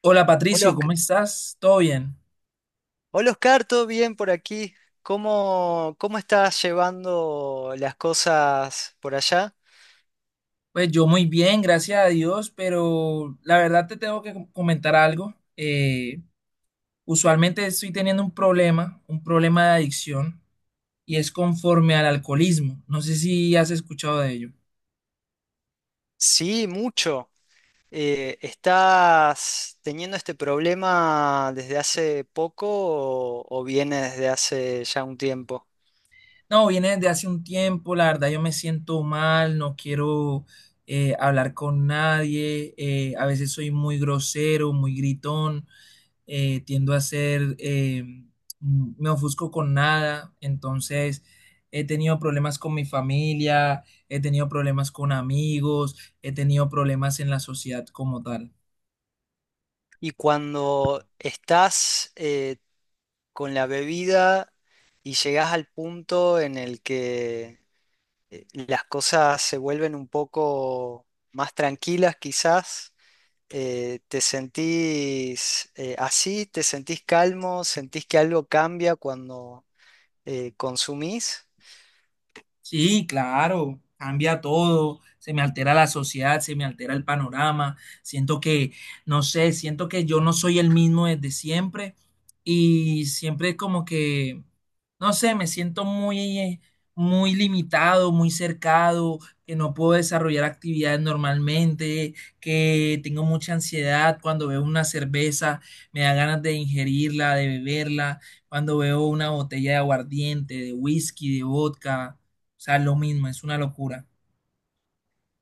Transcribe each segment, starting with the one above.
Hola Hola, Patricio, ¿cómo estás? ¿Todo bien? Hola, Oscar, ¿todo bien por aquí? ¿Cómo estás llevando las cosas por allá? Pues yo muy bien, gracias a Dios, pero la verdad te tengo que comentar algo. Usualmente estoy teniendo un problema de adicción, y es conforme al alcoholismo. No sé si has escuchado de ello. Sí, mucho. ¿Estás teniendo este problema desde hace poco o viene desde hace ya un tiempo? No, viene desde hace un tiempo, la verdad yo me siento mal, no quiero hablar con nadie, a veces soy muy grosero, muy gritón. Tiendo a ser, me ofusco con nada, entonces he tenido problemas con mi familia, he tenido problemas con amigos, he tenido problemas en la sociedad como tal. Y cuando estás con la bebida y llegas al punto en el que las cosas se vuelven un poco más tranquilas, quizás. ¿Te sentís así? ¿Te sentís calmo? ¿Sentís que algo cambia cuando consumís? Sí, claro, cambia todo, se me altera la sociedad, se me altera el panorama, siento que, no sé, siento que yo no soy el mismo desde siempre y siempre es como que, no sé, me siento muy, muy limitado, muy cercado, que no puedo desarrollar actividades normalmente, que tengo mucha ansiedad cuando veo una cerveza, me da ganas de ingerirla, de beberla, cuando veo una botella de aguardiente, de whisky, de vodka. O sea, lo mismo, es una locura.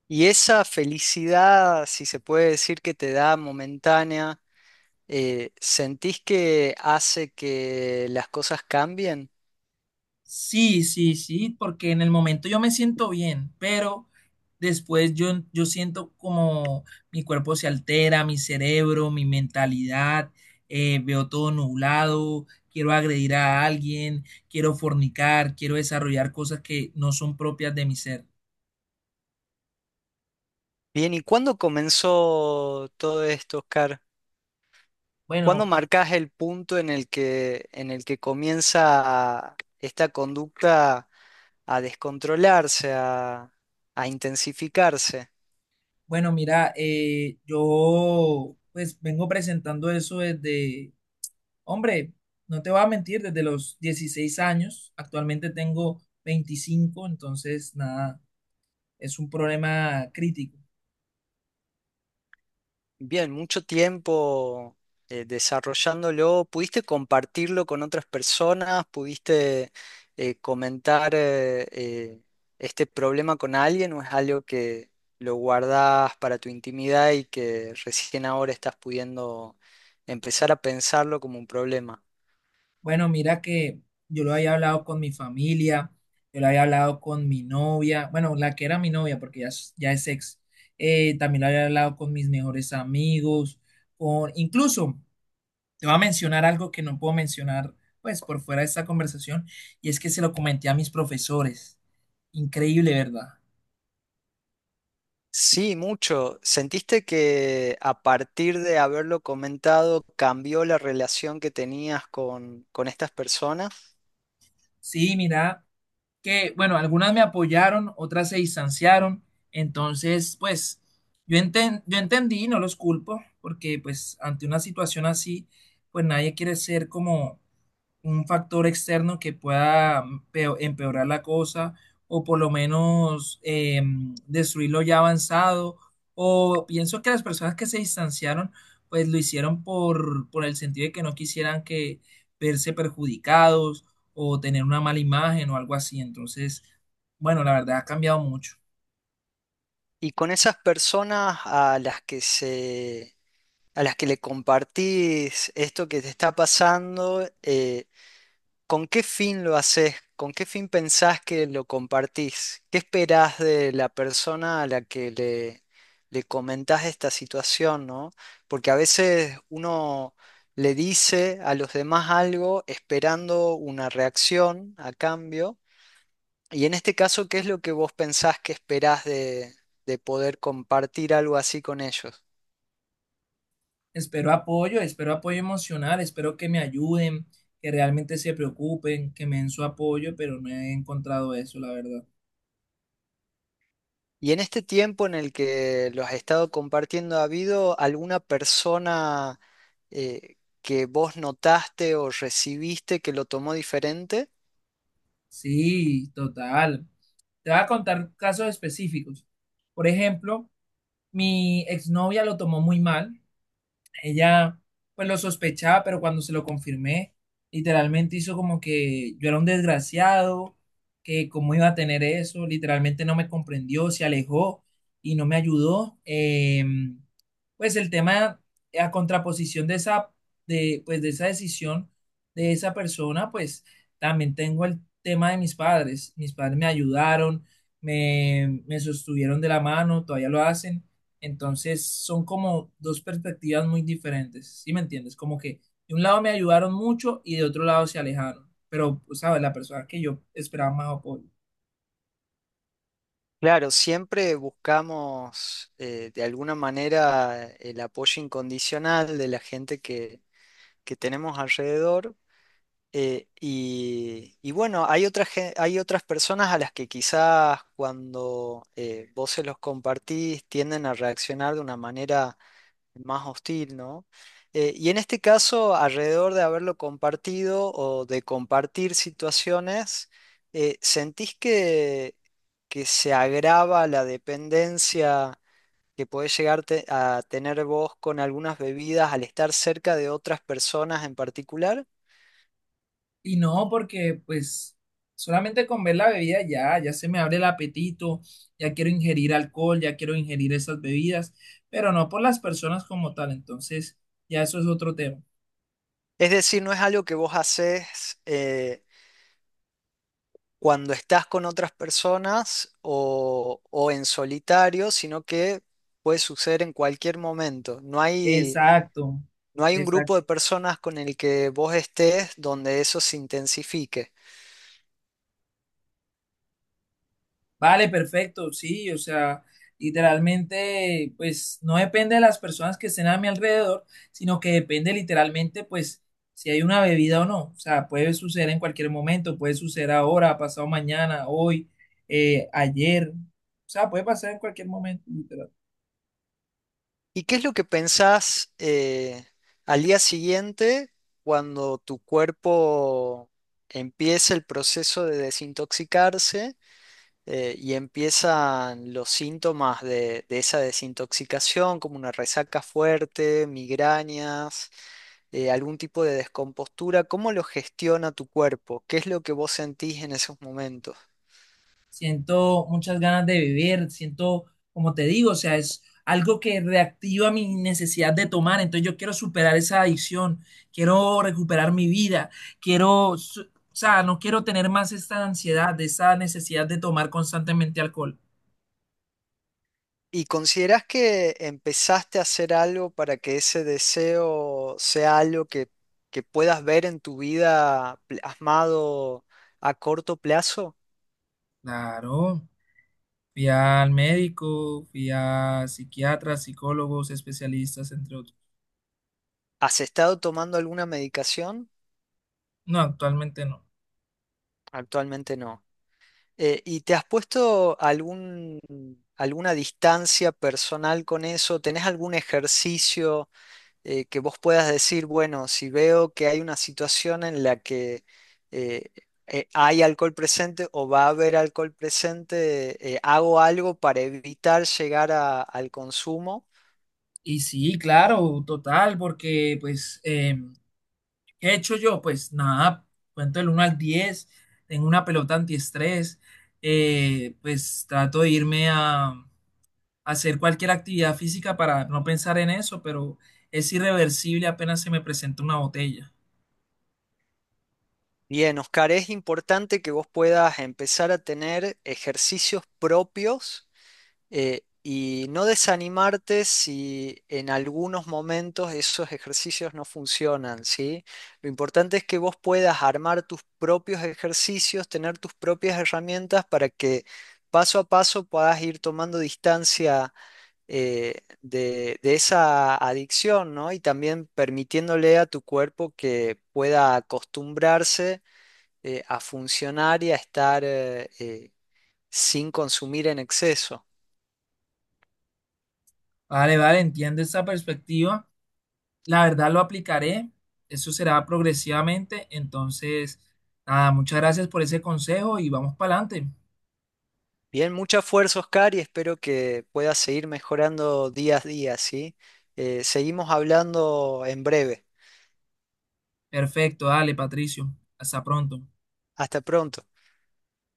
Y esa felicidad, si se puede decir que te da momentánea, ¿sentís que hace que las cosas cambien? Sí, sí, sí, porque en el momento yo me siento bien, pero después yo siento como mi cuerpo se altera, mi cerebro, mi mentalidad, veo todo nublado, quiero agredir a alguien, quiero fornicar, quiero desarrollar cosas que no son propias de mi ser. Bien, ¿y cuándo comenzó todo esto, Oscar? ¿Cuándo Bueno, marcás el punto en el que comienza esta conducta a descontrolarse, a intensificarse? bueno, mira, yo pues vengo presentando eso desde Hombre, no te voy a mentir, desde los 16 años, actualmente tengo 25, entonces nada, es un problema crítico. Bien, mucho tiempo desarrollándolo. ¿Pudiste compartirlo con otras personas? ¿Pudiste comentar este problema con alguien o es algo que lo guardás para tu intimidad y que recién ahora estás pudiendo empezar a pensarlo como un problema? Bueno, mira que yo lo había hablado con mi familia, yo lo había hablado con mi novia, bueno, la que era mi novia, porque ya, ya es ex. También lo había hablado con mis mejores amigos, con, incluso te voy a mencionar algo que no puedo mencionar, pues, por fuera de esta conversación, y es que se lo comenté a mis profesores. Increíble, ¿verdad? Sí, mucho. ¿Sentiste que a partir de haberlo comentado cambió la relación que tenías con estas personas? Sí, mira, que bueno, algunas me apoyaron, otras se distanciaron, entonces, pues, yo entendí, no los culpo, porque pues ante una situación así, pues nadie quiere ser como un factor externo que pueda empeorar la cosa o por lo menos destruir lo ya avanzado. O pienso que las personas que se distanciaron, pues lo hicieron por el sentido de que no quisieran que verse perjudicados o tener una mala imagen o algo así. Entonces, bueno, la verdad ha cambiado mucho. Y con esas personas a las que se, a las que le compartís esto que te está pasando, ¿con qué fin lo haces? ¿Con qué fin pensás que lo compartís? ¿Qué esperás de la persona a la que le comentás esta situación, no? Porque a veces uno le dice a los demás algo esperando una reacción a cambio. Y en este caso, ¿qué es lo que vos pensás que esperás de poder compartir algo así con ellos? Espero apoyo emocional, espero que me ayuden, que realmente se preocupen, que me den su apoyo, pero no he encontrado eso, la verdad. Y en este tiempo en el que los has estado compartiendo, ¿ha habido alguna persona eh, que vos notaste o recibiste que lo tomó diferente? Sí, total. Te voy a contar casos específicos. Por ejemplo, mi exnovia lo tomó muy mal, ella pues lo sospechaba, pero cuando se lo confirmé, literalmente hizo como que yo era un desgraciado, que cómo iba a tener eso, literalmente no me comprendió, se alejó y no me ayudó. Pues el tema, a contraposición de esa, de, pues de esa decisión de esa persona, pues también tengo el tema de mis padres. Mis padres me ayudaron, me sostuvieron de la mano, todavía lo hacen, entonces son como dos perspectivas muy diferentes, ¿sí me entiendes? Como que de un lado me ayudaron mucho y de otro lado se alejaron, pero, pues, ¿sabes? La persona que yo esperaba más apoyo. Claro, siempre buscamos de alguna manera el apoyo incondicional de la gente que tenemos alrededor. Y, y bueno, hay otras, hay otras personas a las que quizás cuando vos se los compartís tienden a reaccionar de una manera más hostil, ¿no? Y en este caso, alrededor de haberlo compartido o de compartir situaciones, ¿sentís que se agrava la dependencia que podés llegar a tener vos con algunas bebidas al estar cerca de otras personas en particular? Y no porque, pues, solamente con ver la bebida ya, ya se me abre el apetito, ya quiero ingerir alcohol, ya quiero ingerir esas bebidas, pero no por las personas como tal, entonces ya eso es otro tema. Es decir, ¿no es algo que vos haces eh, cuando estás con otras personas o en solitario, sino que puede suceder en cualquier momento? No hay, Exacto. no hay un grupo de personas con el que vos estés donde eso se intensifique. Vale, perfecto, sí, o sea, literalmente, pues no depende de las personas que estén a mi alrededor, sino que depende literalmente, pues, si hay una bebida o no. O sea, puede suceder en cualquier momento, puede suceder ahora, pasado mañana, hoy, ayer. O sea, puede pasar en cualquier momento, literal. ¿Y qué es lo que pensás al día siguiente cuando tu cuerpo empieza el proceso de desintoxicarse y empiezan los síntomas de esa desintoxicación, como una resaca fuerte, migrañas, algún tipo de descompostura? ¿Cómo lo gestiona tu cuerpo? ¿Qué es lo que vos sentís en esos momentos? Siento muchas ganas de vivir, siento, como te digo, o sea, es algo que reactiva mi necesidad de tomar, entonces yo quiero superar esa adicción, quiero recuperar mi vida, quiero, o sea, no quiero tener más esta ansiedad, de esa necesidad de tomar constantemente alcohol. ¿Y consideras que empezaste a hacer algo para que ese deseo sea algo que puedas ver en tu vida plasmado a corto plazo? Claro, fui al médico, fui a psiquiatras, psicólogos, especialistas, entre otros. ¿Has estado tomando alguna medicación? No, actualmente no. Actualmente no. ¿Y te has puesto algún, alguna distancia personal con eso? ¿Tenés algún ejercicio que vos puedas decir, bueno, si veo que hay una situación en la que eh, hay alcohol presente o va a haber alcohol presente, hago algo para evitar llegar al consumo? Y sí, claro, total, porque pues... ¿Qué he hecho yo? Pues nada, cuento del uno al 10, tengo una pelota antiestrés, pues trato de irme a hacer cualquier actividad física para no pensar en eso, pero es irreversible apenas se me presenta una botella. Bien, Oscar, es importante que vos puedas empezar a tener ejercicios propios y no desanimarte si en algunos momentos esos ejercicios no funcionan, ¿sí? Lo importante es que vos puedas armar tus propios ejercicios, tener tus propias herramientas para que paso a paso puedas ir tomando distancia de esa adicción, ¿no? Y también permitiéndole a tu cuerpo que pueda acostumbrarse a funcionar y a estar sin consumir en exceso. Vale, entiendo esa perspectiva. La verdad lo aplicaré, eso será progresivamente, entonces, nada, muchas gracias por ese consejo y vamos para adelante. Bien, mucha fuerza, Oscar, y espero que puedas seguir mejorando día a día, ¿sí? Seguimos hablando en breve. Perfecto, dale, Patricio, hasta pronto. Hasta pronto.